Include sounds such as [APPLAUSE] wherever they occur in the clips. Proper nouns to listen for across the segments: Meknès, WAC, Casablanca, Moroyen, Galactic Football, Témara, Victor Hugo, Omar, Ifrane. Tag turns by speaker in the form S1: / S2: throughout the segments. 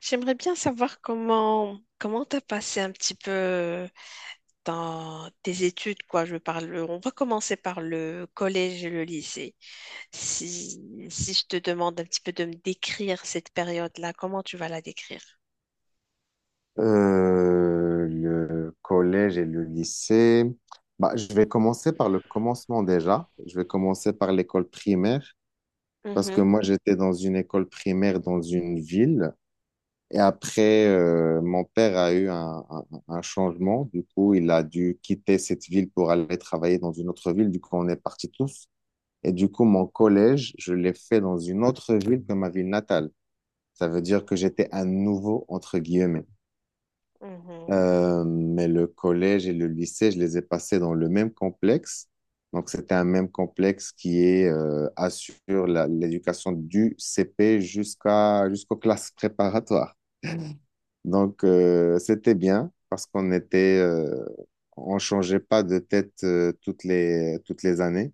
S1: J'aimerais bien savoir comment t'as passé un petit peu dans tes études, quoi. Je parle, on va commencer par le collège et le lycée. Si je te demande un petit peu de me décrire cette période-là, comment tu vas la décrire?
S2: Le collège et le lycée. Bah, je vais commencer par le commencement déjà. Je vais commencer par l'école primaire parce que
S1: Mhm,
S2: moi, j'étais dans une école primaire dans une ville. Et après, mon père a eu un changement. Du coup, il a dû quitter cette ville pour aller travailler dans une autre ville. Du coup, on est partis tous. Et du coup, mon collège, je l'ai fait dans une autre ville que ma ville natale. Ça veut dire que j'étais un nouveau, entre guillemets.
S1: mhm,
S2: Mais le collège et le lycée, je les ai passés dans le même complexe. Donc, c'était un même complexe qui est, assure l'éducation du CP jusqu'à, jusqu'aux classes préparatoires. Donc, c'était bien parce qu'on était, on changeait pas de tête, toutes les années.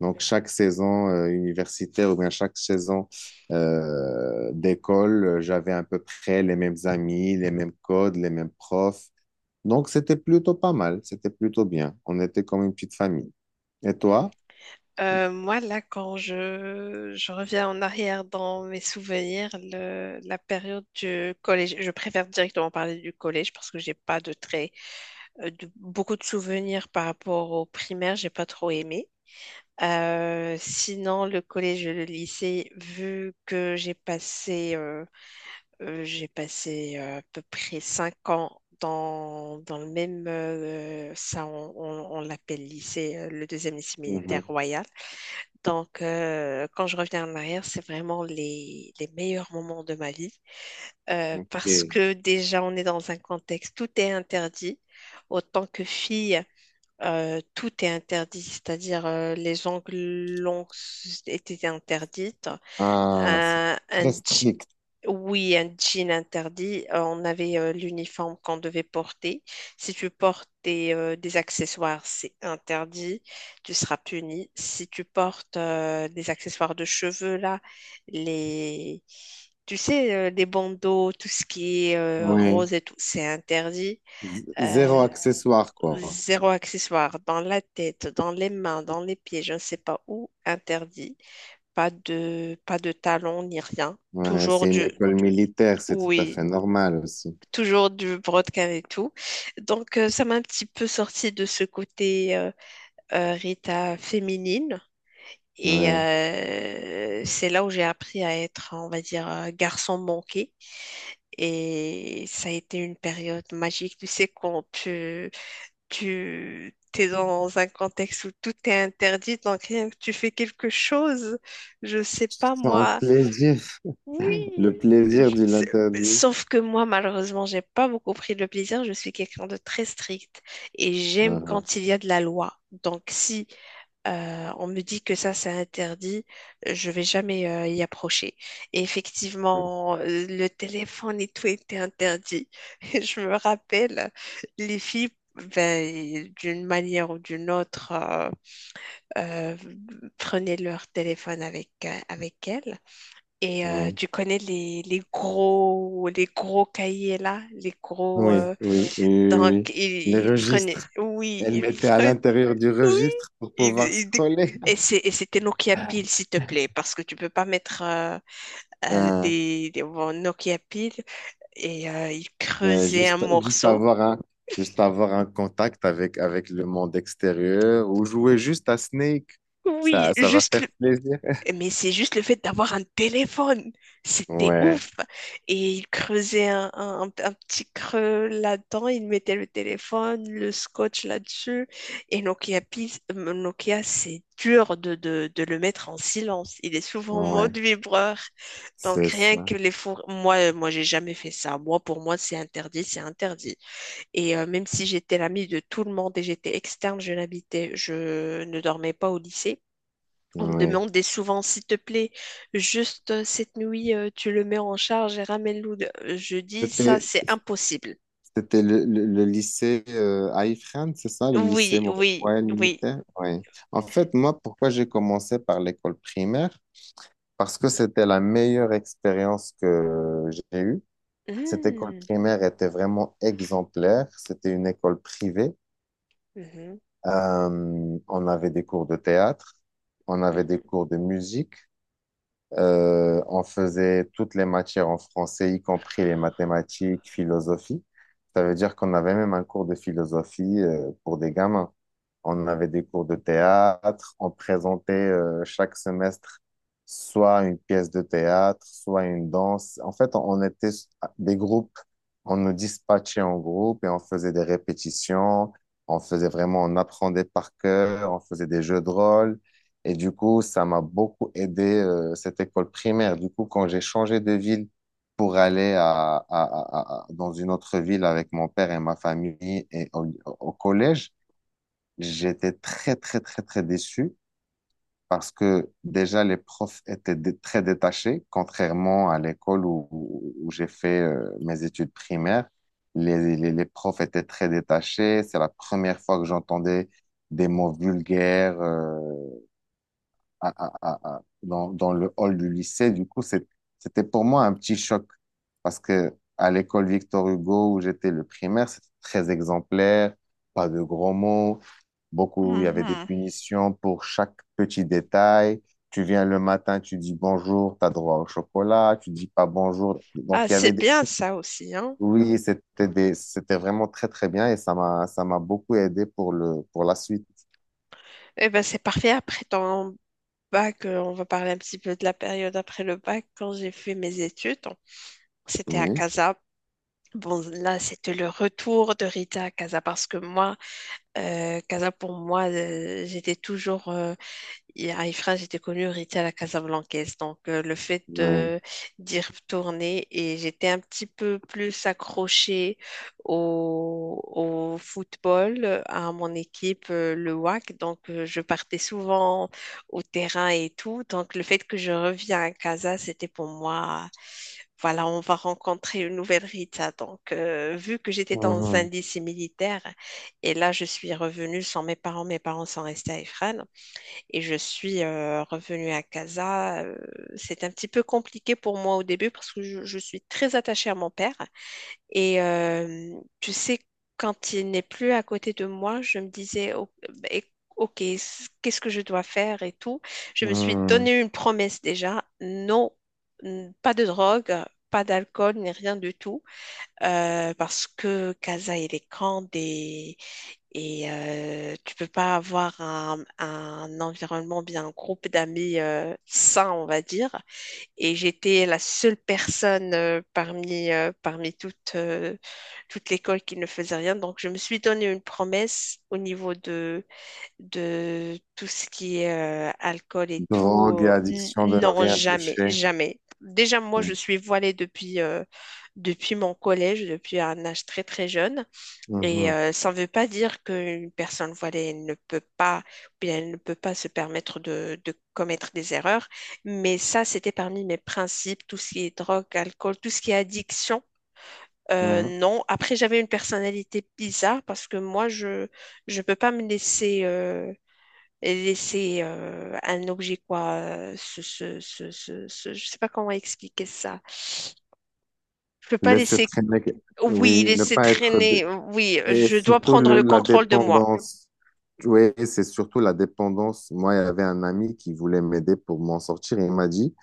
S2: Donc,
S1: mhm.
S2: chaque saison, universitaire ou bien chaque saison, d'école, j'avais à peu près les mêmes amis, les mêmes codes, les mêmes profs. Donc, c'était plutôt pas mal, c'était plutôt bien. On était comme une petite famille. Et toi?
S1: Moi, là, quand je reviens en arrière dans mes souvenirs, la période du collège, je préfère directement parler du collège parce que j'ai pas de beaucoup de souvenirs par rapport au primaire, j'ai pas trop aimé. Sinon, le collège et le lycée, vu que j'ai passé à peu près 5 ans dans le même, ça on l'appelle lycée, le deuxième lycée militaire
S2: Mhm.
S1: royal. Donc, quand je reviens en arrière, c'est vraiment les meilleurs moments de ma vie. Parce
S2: Ok.
S1: que déjà, on est dans un contexte, tout est interdit. Autant que fille, tout est interdit, c'est-à-dire les ongles longs étaient interdites.
S2: Ah, c'est
S1: Un, un
S2: très
S1: je-
S2: strict.
S1: oui, un jean interdit. On avait l'uniforme qu'on devait porter. Si tu portes des accessoires, c'est interdit. Tu seras puni. Si tu portes des accessoires de cheveux, là, les... Tu sais, les bandeaux, tout ce qui est
S2: Oui.
S1: rose et tout, c'est interdit.
S2: Z- Zéro
S1: Euh,
S2: accessoire, quoi.
S1: Zéro accessoire dans la tête, dans les mains, dans les pieds, je ne sais pas où, interdit. Pas de talons ni rien.
S2: Ouais,
S1: Toujours
S2: c'est une
S1: du,
S2: école militaire, c'est tout à
S1: oui,
S2: fait normal aussi.
S1: toujours du brodequin et tout. Donc, ça m'a un petit peu sorti de ce côté Rita féminine. Et
S2: Ouais.
S1: c'est là où j'ai appris à être, on va dire, garçon manqué. Et ça a été une période magique. Tu sais, quand tu es dans un contexte où tout est interdit, donc rien que tu fais quelque chose, je sais pas
S2: C'est un
S1: moi.
S2: plaisir.
S1: Oui,
S2: [LAUGHS] Le
S1: je
S2: plaisir de
S1: sais-
S2: l'interdit.
S1: sauf que moi, malheureusement, j'ai pas beaucoup pris le plaisir. Je suis quelqu'un de très strict et j'aime
S2: Ah,
S1: quand il y a de la loi. Donc si on me dit que ça, c'est interdit. Je vais jamais y approcher. Et
S2: ah.
S1: effectivement, le téléphone et tout était interdit. [LAUGHS] Et je me rappelle, les filles, ben, d'une manière ou d'une autre, euh, prenaient leur téléphone avec elles. Et
S2: Oui,
S1: tu connais les gros cahiers là, les gros.
S2: oui, oui, oui, oui,
S1: Donc,
S2: oui. Les
S1: ils prenaient,
S2: registres.
S1: oui,
S2: Elle
S1: ils
S2: mettait à
S1: prenaient
S2: l'intérieur du
S1: oui.
S2: registre pour
S1: Il-
S2: pouvoir
S1: il dé-
S2: scroller.
S1: Et
S2: [LAUGHS]
S1: c'est- et c'était Nokia Pile, s'il te plaît, parce que tu peux pas mettre
S2: Ah.
S1: bon, Nokia Pile. Et il
S2: Mais
S1: creusait un
S2: juste, juste
S1: morceau.
S2: avoir un, juste avoir un contact avec, avec le monde extérieur ou jouer juste à Snake,
S1: Oui,
S2: ça va faire plaisir.
S1: mais c'est juste le fait d'avoir un téléphone. C'était
S2: Ouais,
S1: ouf. Et il creusait un petit creux là-dedans. Il mettait le téléphone, le scotch là-dessus. Et Nokia, Nokia, c'est dur de le mettre en silence. Il est souvent en
S2: ouais,
S1: mode vibreur. Donc
S2: c'est
S1: rien
S2: ça.
S1: que les four... Moi, j'ai jamais fait ça. Moi, pour moi, c'est interdit, c'est interdit. Et même si j'étais l'amie de tout le monde et j'étais externe, je n'habitais, je ne dormais pas au lycée. On me
S2: Ouais.
S1: demandait souvent, s'il te plaît, juste cette nuit, tu le mets en charge et ramène-le. Je dis, ça,
S2: C'était,
S1: c'est impossible.
S2: c'était le lycée à Ifrane, c'est ça, le lycée
S1: Oui, oui,
S2: Moroyen
S1: oui.
S2: militaire? Ouais. En fait, moi, pourquoi j'ai commencé par l'école primaire? Parce que c'était la meilleure expérience que j'ai eue. Cette école
S1: Hmm,
S2: primaire était vraiment exemplaire. C'était une école privée.
S1: mhm,
S2: On avait des cours de théâtre, on avait des
S1: mhm.
S2: cours de musique, on faisait toutes les matières en français, y compris les mathématiques, philosophie. Ça veut dire qu'on avait même un cours de philosophie, pour des gamins. On avait des cours de théâtre. On présentait chaque semestre soit une pièce de théâtre, soit une danse. En fait, on était des groupes. On nous dispatchait en groupe et on faisait des répétitions. On faisait vraiment, on apprenait par cœur. On faisait des jeux de rôle. Et du coup, ça m'a beaucoup aidé, cette école primaire. Du coup, quand j'ai changé de ville pour aller dans une autre ville avec mon père et ma famille et au collège, j'étais très, très, très, très déçu parce que déjà les profs étaient très détachés, contrairement à l'école où j'ai fait mes études primaires. Les profs étaient très détachés. C'est la première fois que j'entendais des mots vulgaires dans, dans le hall du lycée. Du coup, c'était pour moi un petit choc parce que à l'école Victor Hugo où j'étais le primaire, c'était très exemplaire, pas de gros mots. Beaucoup, il y avait des
S1: Mhm.
S2: punitions pour chaque petit détail. Tu viens le matin, tu dis bonjour, tu as droit au chocolat, tu dis pas bonjour. Donc,
S1: Ah,
S2: il y avait
S1: c'est
S2: des...
S1: bien ça aussi, hein.
S2: Oui, c'était des... c'était vraiment très, très bien et ça m'a beaucoup aidé pour le, pour la suite.
S1: Eh ben, c'est parfait. Après ton bac, on va parler un petit peu de la période après le bac. Quand j'ai fait mes études, c'était à
S2: Oui,
S1: Casa. Bon, là, c'était le retour de Rita à Casa parce que moi, Casa, pour moi, j'étais toujours Et Ifrane, j'étais connue, Rita à la Casablancaise. Donc,
S2: oui.
S1: d'y retourner et j'étais un petit peu plus accrochée au, au football, à mon équipe, le WAC. Donc, je partais souvent au terrain et tout. Donc, le fait que je reviens à Casa, c'était pour moi, voilà, on va rencontrer une nouvelle Rita. Donc, vu que j'étais dans un
S2: Mhm.
S1: lycée militaire et là, je suis revenue sans mes parents, mes parents sont restés à Ifrane. Et je suis revenue à Casa. C'est un petit peu compliqué pour moi au début parce que je suis très attachée à mon père. Et tu sais, quand il n'est plus à côté de moi, je me disais, oh, ben, OK, qu'est-ce que je dois faire et tout. Je me suis
S2: Mhm.
S1: donné une promesse déjà. Non, pas de drogue, pas d'alcool, ni rien du tout. Parce que Casa, il est grand et tu peux pas avoir un environnement, bien un groupe d'amis sain, on va dire. Et j'étais la seule personne parmi toute l'école qui ne faisait rien. Donc, je me suis donné une promesse au niveau de tout ce qui est alcool et tout.
S2: Drogue et
S1: Euh, n-
S2: addiction de ne
S1: non,
S2: rien
S1: jamais,
S2: toucher.
S1: jamais. Déjà, moi, je
S2: Mhm.
S1: suis voilée depuis mon collège, depuis un âge très, très jeune. Et
S2: Mhm.
S1: ça ne veut pas dire qu'une personne voilée ne peut pas, ou bien elle ne peut pas se permettre de commettre des erreurs. Mais ça, c'était parmi mes principes, tout ce qui est drogue, alcool, tout ce qui est addiction. Euh,
S2: Mhm.
S1: non. Après, j'avais une personnalité bizarre parce que moi, je peux pas me laisser un objet quoi. Je sais pas comment expliquer ça. Je peux pas
S2: Laisser
S1: laisser
S2: traîner,
S1: oui,
S2: oui, ne
S1: laisser
S2: pas être... dé-
S1: traîner. Oui,
S2: Et
S1: je dois
S2: surtout
S1: prendre le
S2: la
S1: contrôle de moi.
S2: dépendance. Oui, c'est surtout la dépendance. Moi, il y avait un ami qui voulait m'aider pour m'en sortir. Il m'a dit,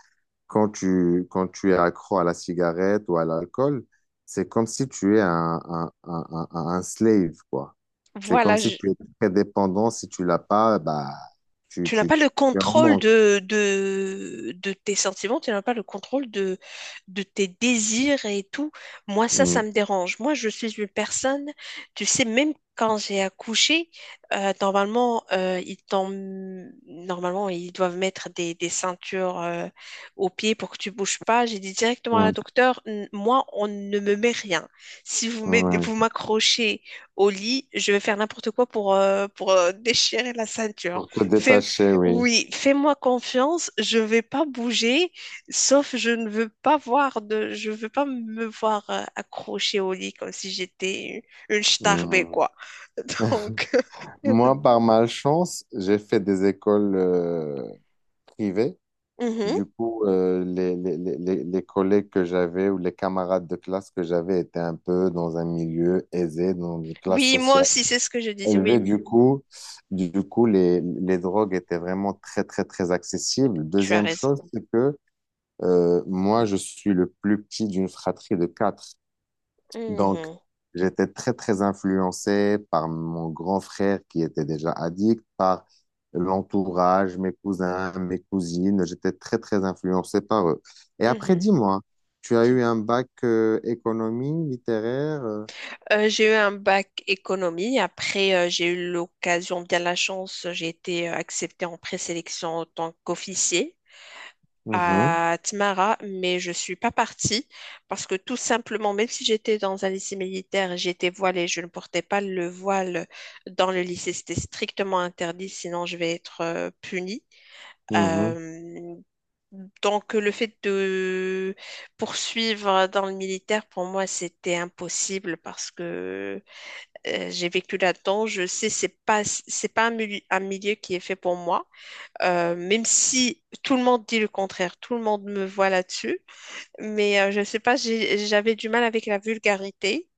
S2: quand tu es accro à la cigarette ou à l'alcool, c'est comme si tu es un slave, quoi. C'est comme
S1: Voilà,
S2: si tu es très dépendant. Si tu l'as pas, bah, tu,
S1: tu n'as
S2: tu,
S1: pas
S2: tu,
S1: le
S2: tu es en
S1: contrôle
S2: manque.
S1: de tes sentiments, tu n'as pas le contrôle de tes désirs et tout. Moi, ça,
S2: Mm,
S1: ça me dérange. Moi, je suis une personne, tu sais, même quand j'ai accouché, normalement, normalement, ils doivent mettre des ceintures aux pieds pour que tu bouges pas. J'ai dit directement à la
S2: mm,
S1: docteure, moi, on ne me met rien. Si vous
S2: ouais.
S1: m'accrochez au lit, je vais faire n'importe quoi pour, déchirer la ceinture.
S2: Pour te
S1: Fais-
S2: détacher, oui.
S1: oui, fais-moi confiance, je vais pas bouger, sauf je ne veux pas voir de, je veux pas me voir accrochée au lit comme si j'étais une starbée,
S2: Mm.
S1: quoi. [LAUGHS] Donc, [LAUGHS]
S2: Moi, par malchance, j'ai fait des écoles privées.
S1: mhm.
S2: Du coup, les collègues que j'avais ou les camarades de classe que j'avais étaient un peu dans un milieu aisé, dans une classe
S1: Oui, moi
S2: sociale
S1: aussi, c'est ce que je disais. Oui,
S2: élevée. Du coup, les drogues étaient vraiment très, très, très accessibles.
S1: tu as
S2: Deuxième
S1: raison.
S2: chose, c'est que moi, je suis le plus petit d'une fratrie de quatre. Donc,
S1: Mhm,
S2: j'étais très, très influencé par mon grand frère qui était déjà addict, par l'entourage, mes cousins, mes cousines. J'étais très, très influencé par eux. Et après,
S1: mhm.
S2: dis-moi, tu as
S1: Tu-
S2: eu un bac économie, littéraire?
S1: J'ai eu un bac économie. Après, j'ai eu l'occasion, bien la chance, j'ai été acceptée en présélection en tant qu'officier.
S2: Mhm,
S1: À Tmara, mais je suis pas partie parce que tout simplement, même si j'étais dans un lycée militaire, j'étais voilée, je ne portais pas le voile dans le lycée. C'était strictement interdit, sinon je vais être punie. Euh, donc le fait de poursuivre dans le militaire, pour moi, c'était impossible parce que j'ai vécu là-dedans. Je sais, c'est pas un milieu, un milieu qui est fait pour moi. Même si tout le monde dit le contraire, tout le monde me voit là-dessus. Mais je ne sais pas, j'avais du mal avec la vulgarité.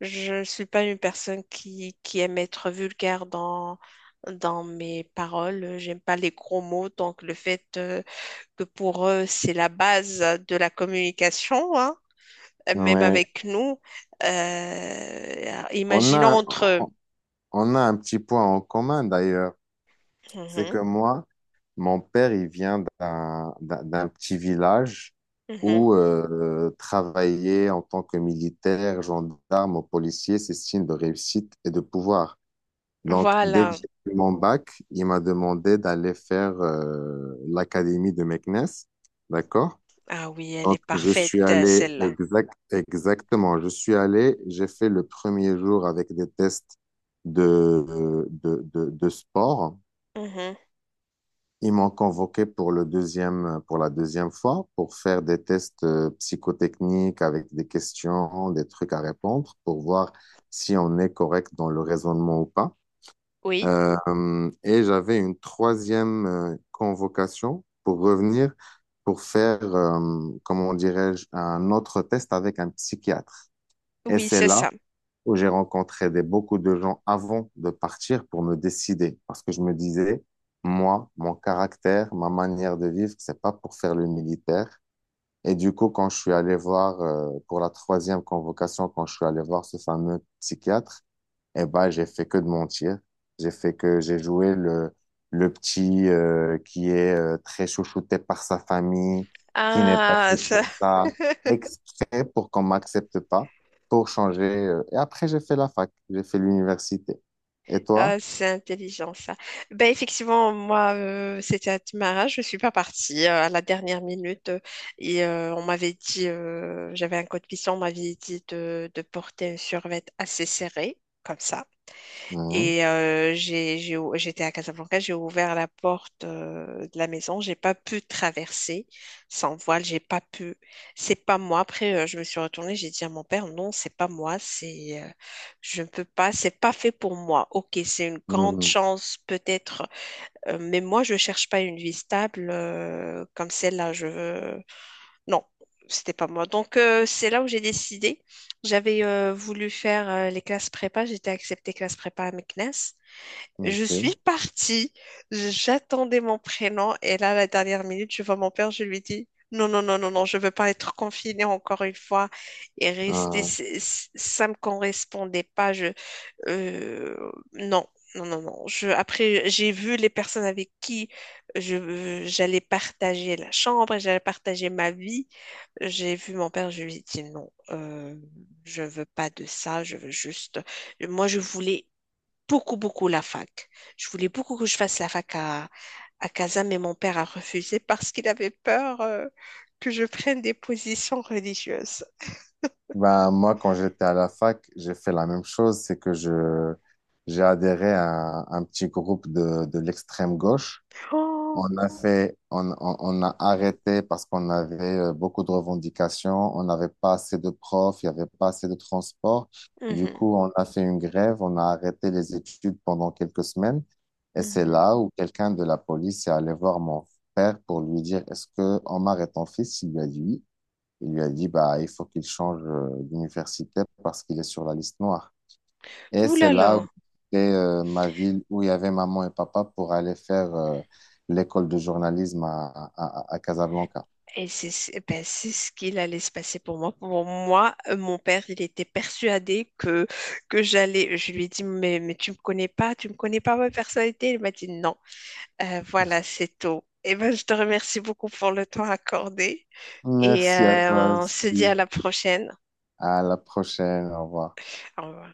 S1: Je ne suis pas une personne qui aime être vulgaire dans mes paroles. J'aime pas les gros mots. Donc le fait que pour eux, c'est la base de la communication, hein,
S2: mhm,
S1: même
S2: ouais.
S1: avec nous. Euh,
S2: On a,
S1: imaginons entre... eux.
S2: on a un petit point en commun d'ailleurs. C'est que
S1: Mhm,
S2: moi, mon père, il vient d'un petit village
S1: mhm.
S2: où travailler en tant que militaire, gendarme ou policier, c'est signe de réussite et de pouvoir. Donc, dès que
S1: Voilà.
S2: j'ai eu mon bac, il m'a demandé d'aller faire l'académie de Meknès. D'accord?
S1: Ah oui, elle est
S2: Donc, je suis
S1: parfaite,
S2: allé
S1: celle-là.
S2: exact, exactement. Je suis allé, j'ai fait le premier jour avec des tests de sport.
S1: Mhm.
S2: Ils m'ont convoqué pour le deuxième, pour la deuxième fois pour faire des tests psychotechniques avec des questions, des trucs à répondre pour voir si on est correct dans le raisonnement ou pas.
S1: Oui.
S2: Et j'avais une troisième convocation pour revenir pour faire, comment dirais-je, un autre test avec un psychiatre. Et
S1: Oui,
S2: c'est
S1: c'est
S2: là
S1: ça.
S2: où j'ai rencontré des, beaucoup de gens avant de partir pour me décider. Parce que je me disais, moi, mon caractère, ma manière de vivre, c'est pas pour faire le militaire. Et du coup, quand je suis allé voir, pour la troisième convocation, quand je suis allé voir ce fameux psychiatre, eh ben, j'ai fait que de mentir. J'ai fait que j'ai joué le petit qui est très chouchouté par sa famille, qui n'est pas
S1: Ah,
S2: fait
S1: ça-
S2: pour ça,
S1: [LAUGHS]
S2: exprès pour qu'on m'accepte pas, pour changer. Et après, j'ai fait la fac, j'ai fait l'université. Et
S1: ah,
S2: toi?
S1: c'est intelligent ça. Ben effectivement, moi, c'était à Témara, je suis pas partie à la dernière minute et on m'avait dit, j'avais un code cuisson, on m'avait dit de porter un survêt assez serré, comme ça.
S2: Oui.
S1: Et j'étais à Casablanca, j'ai ouvert la porte de la maison, j'ai pas pu traverser sans voile, j'ai pas pu. C'est pas moi. Après, je me suis retournée, j'ai dit à mon père, non, c'est pas moi, je ne peux pas, c'est pas fait pour moi. Ok, c'est une grande
S2: Mhm.
S1: chance peut-être, mais moi je cherche pas une vie stable comme celle-là. Je veux, non, c'était pas moi. Donc c'est là où j'ai décidé. J'avais voulu faire les classes prépa, j'étais acceptée classe prépa à Meknès. Je suis
S2: Ok.
S1: partie, j'attendais mon prénom et là, à la dernière minute, je vois mon père, je lui dis, non, non, non, non, non, je veux pas être confinée encore une fois et rester,
S2: Euh,
S1: ça me correspondait pas, euh, non, non, non, non. Après, j'ai vu les personnes avec qui j'allais partager la chambre, j'allais partager ma vie. J'ai vu mon père, je lui ai dit non, je veux pas de ça, je veux juste, moi, je voulais beaucoup, beaucoup la fac. Je voulais beaucoup que je fasse la fac à Casa, mais mon père a refusé [LAUGHS] parce qu'il avait peur que je prenne des positions religieuses.
S2: ben, moi, quand j'étais à la fac, j'ai fait la même chose, c'est que je j'ai adhéré à un petit groupe de l'extrême gauche.
S1: Oh,
S2: On a fait, on a arrêté parce qu'on avait beaucoup de revendications, on n'avait pas assez de profs, il n'y avait pas assez de transport. Du
S1: mhm,
S2: coup, on a fait une grève, on a arrêté les études pendant quelques semaines. Et c'est
S1: mhm.
S2: là où quelqu'un de la police est allé voir mon père pour lui dire, est-ce que Omar est ton fils? Il lui a dit oui. Il lui a dit, bah, il faut qu'il change d'université parce qu'il est sur la liste noire. Et
S1: Ouh
S2: c'est
S1: là
S2: là où
S1: là.
S2: c'était ma ville où il y avait maman et papa pour aller faire l'école de journalisme à Casablanca.
S1: Et ben, c'est ce qu'il allait se passer pour moi. Pour moi, mon père, il était persuadé que j'allais. Je lui ai dit, mais tu me connais pas, tu me connais pas ma personnalité. Il m'a dit, non. Voilà, c'est tout. Eh ben, je te remercie beaucoup pour le temps accordé. Et
S2: Merci à toi
S1: on se dit à
S2: aussi.
S1: la prochaine.
S2: À la prochaine. Au revoir.
S1: Au revoir.